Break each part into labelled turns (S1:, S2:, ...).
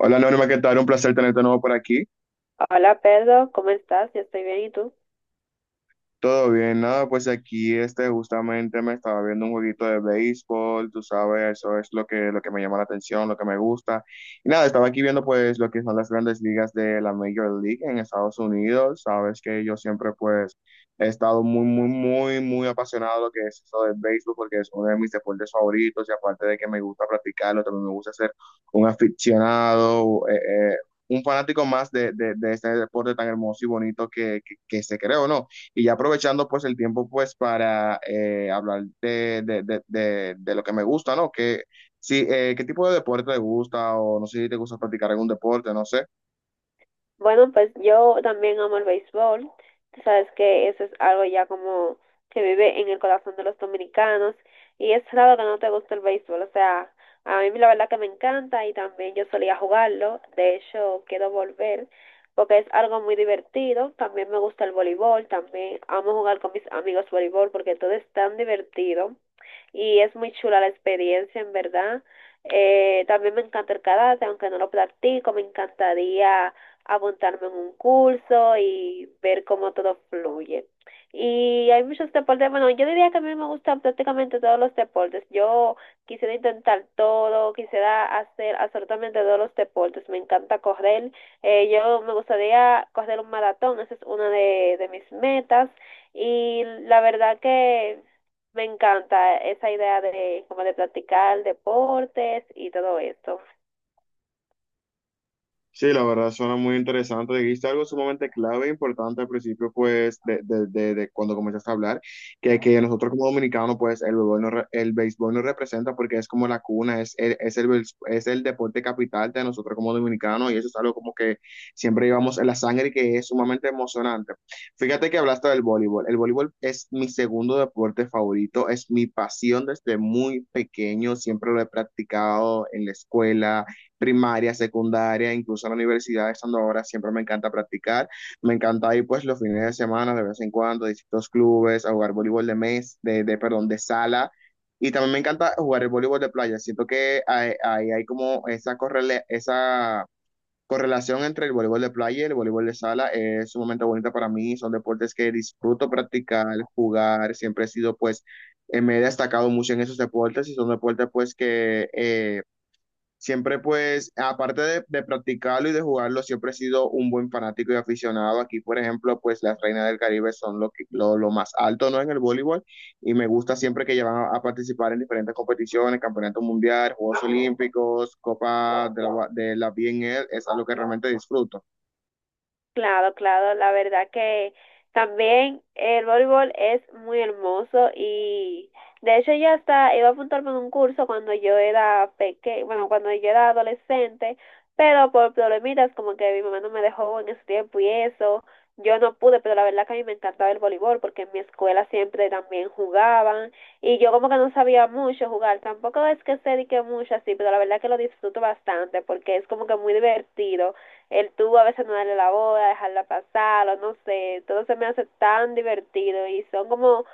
S1: Hola Norma, ¿qué tal? Un placer tenerte de nuevo por aquí.
S2: Hola Pedro, ¿cómo estás? Yo estoy bien, ¿y tú?
S1: Todo bien, nada, pues aquí este justamente me estaba viendo un jueguito de béisbol, tú sabes, eso es lo que me llama la atención, lo que me gusta. Y nada, estaba aquí viendo pues lo que son las grandes ligas de la Major League en Estados Unidos, sabes que yo siempre pues he estado muy, muy, muy, muy apasionado de lo que es eso del béisbol porque es uno de mis deportes favoritos y aparte de que me gusta practicarlo, también me gusta ser un aficionado, un fanático más de este deporte tan hermoso y bonito que se creó, ¿no? Y ya aprovechando pues el tiempo pues para hablar de lo que me gusta, ¿no? ¿Qué tipo de deporte te gusta? O no sé si te gusta practicar algún deporte, no sé.
S2: Bueno, pues yo también amo el béisbol. Tú sabes que eso es algo ya como que vive en el corazón de los dominicanos y es raro que no te guste el béisbol. O sea, a mí la verdad que me encanta y también yo solía jugarlo. De hecho, quiero volver porque es algo muy divertido. También me gusta el voleibol, también amo jugar con mis amigos voleibol porque todo es tan divertido. Y es muy chula la experiencia, en verdad. También me encanta el karate, aunque no lo practico, me encantaría apuntarme en un curso y ver cómo todo fluye. Y hay muchos deportes, bueno, yo diría que a mí me gustan prácticamente todos los deportes. Yo quisiera intentar todo, quisiera hacer absolutamente todos los deportes. Me encanta correr. Yo me gustaría correr un maratón, esa es una de mis metas. Y la verdad que me encanta esa idea de como de practicar deportes y todo esto.
S1: Sí, la verdad suena muy interesante. Dijiste algo sumamente clave e importante al principio, pues, de cuando comenzaste a hablar, que nosotros como dominicanos, pues, el béisbol, el béisbol nos representa porque es como la cuna, es el deporte capital de nosotros como dominicanos y eso es algo como que siempre llevamos en la sangre y que es sumamente emocionante. Fíjate que hablaste del voleibol. El voleibol es mi segundo deporte favorito, es mi pasión desde muy pequeño, siempre lo he practicado en la escuela primaria, secundaria, incluso en la universidad, estando ahora, siempre me encanta practicar. Me encanta ir pues los fines de semana, de vez en cuando, a distintos clubes, a jugar voleibol de mes, de perdón, de sala. Y también me encanta jugar el voleibol de playa. Siento que ahí hay, como esa, correle esa correlación entre el voleibol de playa y el voleibol de sala. Es sumamente bonita para mí. Son deportes que disfruto practicar, jugar. Siempre he sido, pues, me he destacado mucho en esos deportes y son deportes, pues, que siempre pues, aparte de practicarlo y de jugarlo, siempre he sido un buen fanático y aficionado. Aquí, por ejemplo, pues las Reinas del Caribe son lo más alto, ¿no? En el voleibol, y me gusta siempre que llevan a participar en diferentes competiciones, campeonato mundial, Juegos Olímpicos, Copa de la BNL, es algo que realmente disfruto.
S2: Claro, claro, la verdad que también el voleibol es muy hermoso y de hecho ya hasta iba a apuntarme en un curso cuando yo era pequeña, bueno, cuando yo era adolescente, pero por problemitas como que mi mamá no me dejó en ese tiempo y eso, yo no pude, pero la verdad que a mí me encantaba el voleibol porque en mi escuela siempre también jugaban y yo como que no sabía mucho jugar, tampoco es que sé de que mucho así, pero la verdad que lo disfruto bastante porque es como que muy divertido el tú a veces no darle la boda, dejarla pasar, o no sé, todo se me hace tan divertido y son como,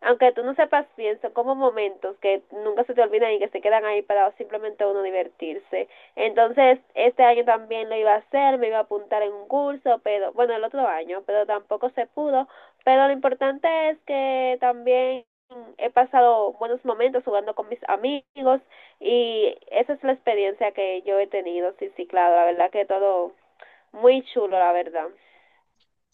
S2: aunque tú no sepas bien, son como momentos que nunca se te olvidan y que se quedan ahí para simplemente uno divertirse. Entonces, este año también lo iba a hacer, me iba a apuntar en un curso, pero bueno, el otro año, pero tampoco se pudo. Pero lo importante es que también he pasado buenos momentos jugando con mis amigos y esa es la experiencia que yo he tenido. Sí, sí, claro, la verdad que todo muy chulo, la verdad.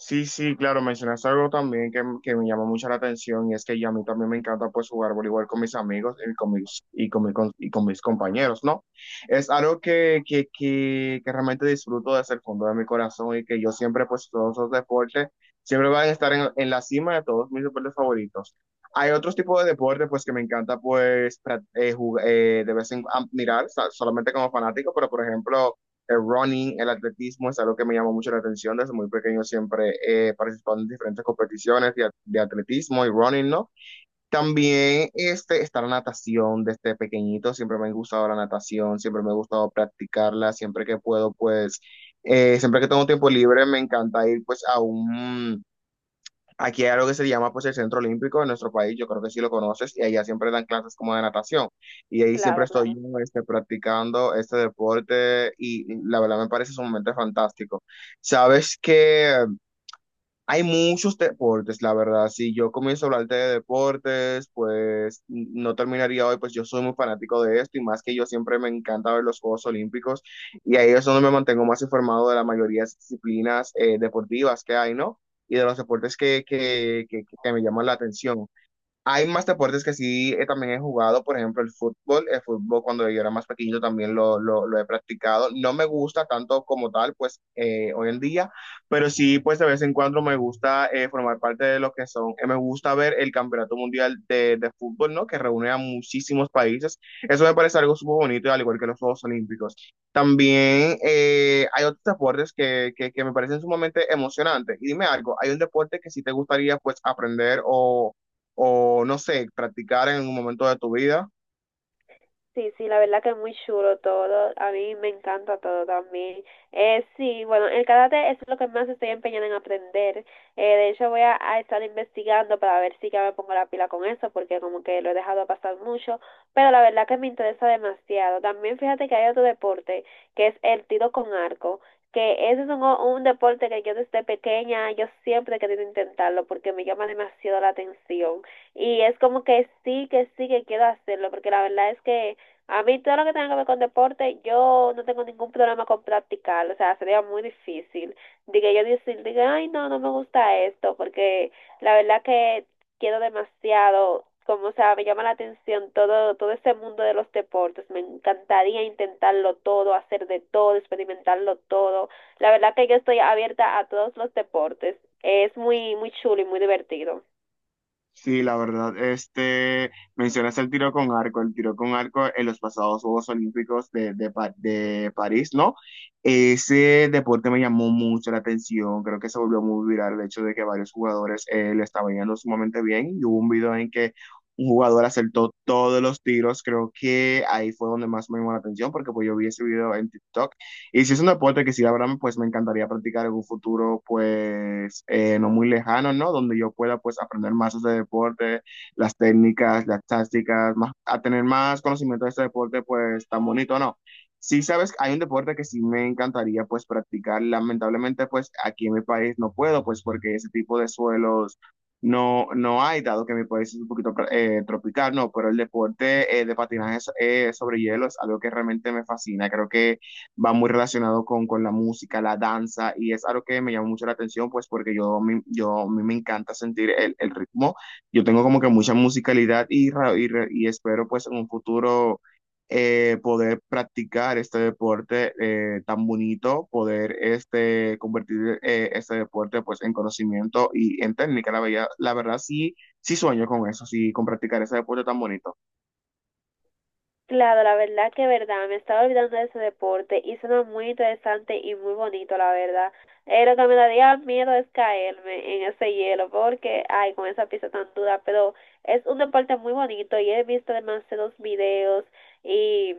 S1: Sí, sí, claro, mencionaste algo también que me llamó mucho la atención, y es que ya a mí también me encanta pues jugar voleibol con mis amigos y con mis, y con mi- con- y con mis compañeros, ¿no? Es algo que realmente disfruto desde el fondo de mi corazón, y que yo siempre pues todos esos deportes siempre van a estar en la cima de todos mis deportes favoritos. Hay otros tipos de deportes pues que me encanta de vez en cuando mirar solamente como fanático, pero por ejemplo el running, el atletismo es algo que me llamó mucho la atención. Desde muy pequeño siempre he participado en diferentes competiciones de atletismo y running, ¿no? También este, está la natación desde pequeñito, siempre me ha gustado la natación, siempre me ha gustado practicarla, siempre que puedo, pues, siempre que tengo tiempo libre, me encanta ir pues a un... Aquí hay algo que se llama pues el Centro Olímpico en nuestro país, yo creo que sí lo conoces, y allá siempre dan clases como de natación. Y ahí siempre
S2: Claro,
S1: estoy
S2: claro.
S1: yo este, practicando este deporte, y la verdad me parece sumamente fantástico. Sabes que hay muchos deportes, la verdad. Si yo comienzo a hablarte de deportes, pues no terminaría hoy, pues yo soy muy fanático de esto, y más que yo siempre me encanta ver los Juegos Olímpicos, y ahí es donde me mantengo más informado de la mayoría de las disciplinas deportivas que hay, ¿no? Y de los deportes que me llaman la atención. Hay más deportes que sí también he jugado, por ejemplo, el fútbol. El fútbol cuando yo era más pequeño también lo he practicado. No me gusta tanto como tal, pues hoy en día, pero sí, pues de vez en cuando me gusta formar parte de lo que son. Me gusta ver el Campeonato Mundial de Fútbol, ¿no? Que reúne a muchísimos países. Eso me parece algo súper bonito, al igual que los Juegos Olímpicos. También hay otros deportes que me parecen sumamente emocionantes. Y dime algo, ¿hay un deporte que sí te gustaría pues aprender o no sé, practicar en un momento de tu vida?
S2: Sí, sí, la verdad que es muy chulo todo. A mí me encanta todo también. Sí, bueno, el karate es lo que más estoy empeñada en aprender. De hecho, voy a estar investigando para ver si ya me pongo la pila con eso, porque como que lo he dejado pasar mucho. Pero la verdad que me interesa demasiado. También fíjate que hay otro deporte, que es el tiro con arco. Que ese es un deporte que yo desde pequeña, yo siempre he querido intentarlo porque me llama demasiado la atención. Y es como que sí, que sí, que quiero hacerlo, porque la verdad es que a mí todo lo que tenga que ver con deporte, yo no tengo ningún problema con practicarlo, o sea, sería muy difícil. Diga yo decir, diga, ay, no, no me gusta esto, porque la verdad que quiero demasiado, como, o sea, me llama la atención todo, todo ese mundo de los deportes, me encantaría intentarlo todo, hacer de todo, experimentarlo todo. La verdad que yo estoy abierta a todos los deportes, es muy, muy chulo y muy divertido.
S1: Sí, la verdad, este, mencionas el tiro con arco, el tiro con arco en los pasados Juegos Olímpicos de París, ¿no? Ese deporte me llamó mucho la atención, creo que se volvió muy viral el hecho de que varios jugadores le estaban yendo sumamente bien, y hubo un video en que un jugador acertó todos los tiros. Creo que ahí fue donde más me llamó la atención, porque pues yo vi ese video en TikTok. Y si es un deporte que sí, la verdad, pues me encantaría practicar en un futuro, pues no muy lejano, ¿no? Donde yo pueda, pues, aprender más de este deporte, las técnicas, las tácticas, más, a tener más conocimiento de este deporte, pues, tan bonito, ¿no? Sí, sabes, hay un deporte que sí me encantaría pues practicar. Lamentablemente pues aquí en mi país no puedo pues porque ese tipo de suelos no hay, dado que mi país es un poquito tropical, no, pero el deporte de patinaje sobre hielo es algo que realmente me fascina. Creo que va muy relacionado con la música, la danza, y es algo que me llama mucho la atención, pues porque yo a mí me encanta sentir el ritmo, yo tengo como que mucha musicalidad y espero pues en un futuro poder practicar este deporte tan bonito, poder este, convertir este deporte pues en conocimiento y en técnica, la verdad sí, sí sueño con eso, sí, con practicar ese deporte tan bonito.
S2: Claro, la verdad que verdad, me estaba olvidando de ese deporte y suena muy interesante y muy bonito, la verdad. Lo que me daría miedo es caerme en ese hielo porque, ay, con esa pista tan dura, pero es un deporte muy bonito y he visto demasiados videos y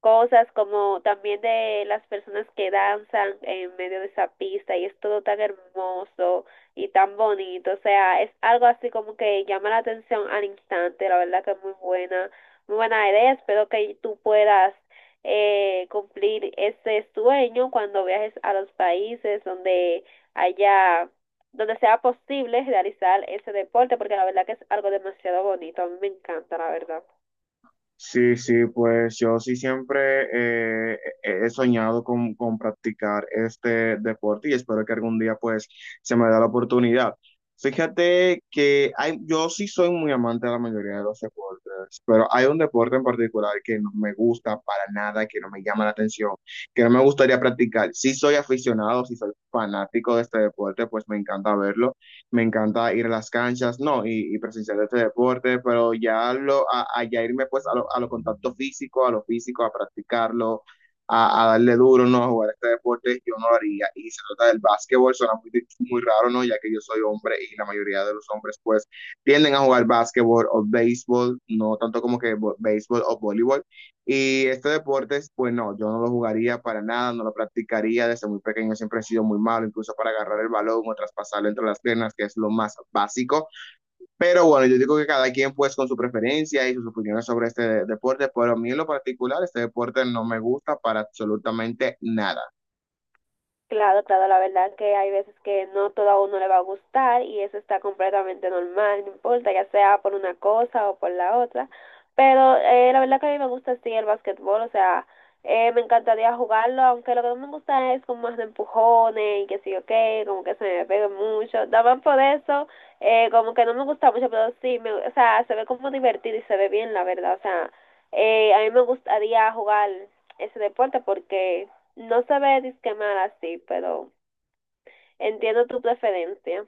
S2: cosas como también de las personas que danzan en medio de esa pista y es todo tan hermoso y tan bonito, o sea, es algo así como que llama la atención al instante, la verdad que es muy buena idea, espero que tú puedas cumplir ese sueño cuando viajes a los países donde haya, donde sea posible realizar ese deporte, porque la verdad que es algo demasiado bonito, a mí me encanta, la verdad.
S1: Sí, sí, pues yo sí siempre he soñado con practicar este deporte, y espero que algún día pues se me da la oportunidad. Fíjate que hay, yo sí soy muy amante de la mayoría de los deportes, pero hay un deporte en particular que no me gusta para nada, que no me llama la atención, que no me gustaría practicar. Sí soy aficionado, sí soy fanático de este deporte, pues me encanta verlo, me encanta ir a las canchas, no, y presenciar este deporte, pero ya lo, a ya irme pues a lo contacto físico, a lo físico, a practicarlo, darle duro, ¿no? A jugar este deporte, yo no lo haría. Y se trata del básquetbol, suena muy, muy raro, ¿no? Ya que yo soy hombre y la mayoría de los hombres, pues, tienden a jugar básquetbol o béisbol, no tanto como que béisbol o voleibol, y este deporte, pues no, yo no lo jugaría para nada, no lo practicaría. Desde muy pequeño, siempre he sido muy malo, incluso para agarrar el balón o traspasarlo entre las piernas, que es lo más básico. Pero bueno, yo digo que cada quien pues con su preferencia y sus opiniones sobre este deporte, pero a mí en lo particular, este deporte no me gusta para absolutamente nada.
S2: Claro, claro, la verdad que hay veces que no todo a uno le va a gustar y eso está completamente normal, no importa, ya sea por una cosa o por la otra. Pero la verdad que a mí me gusta sí el básquetbol. O sea, me encantaría jugarlo, aunque lo que no me gusta es como más de empujones y que sí, ok, como que se me pegue mucho. También por eso, como que no me gusta mucho, pero sí, me, o sea, se ve como divertido y se ve bien, la verdad. O sea, a mí me gustaría jugar ese deporte porque no sabré disquemar así, pero entiendo tu preferencia.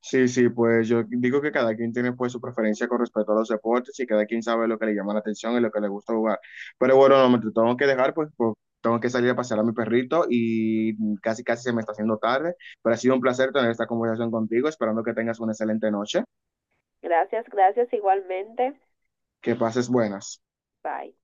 S1: Sí, sí, pues yo digo que cada quien tiene pues su preferencia con respecto a los deportes, y cada quien sabe lo que le llama la atención y lo que le gusta jugar. Pero bueno, no me te tengo que dejar, pues, tengo que salir a pasear a mi perrito y casi casi se me está haciendo tarde, pero ha sido un placer tener esta conversación contigo, esperando que tengas una excelente noche,
S2: Gracias, gracias igualmente.
S1: que pases buenas.
S2: Bye.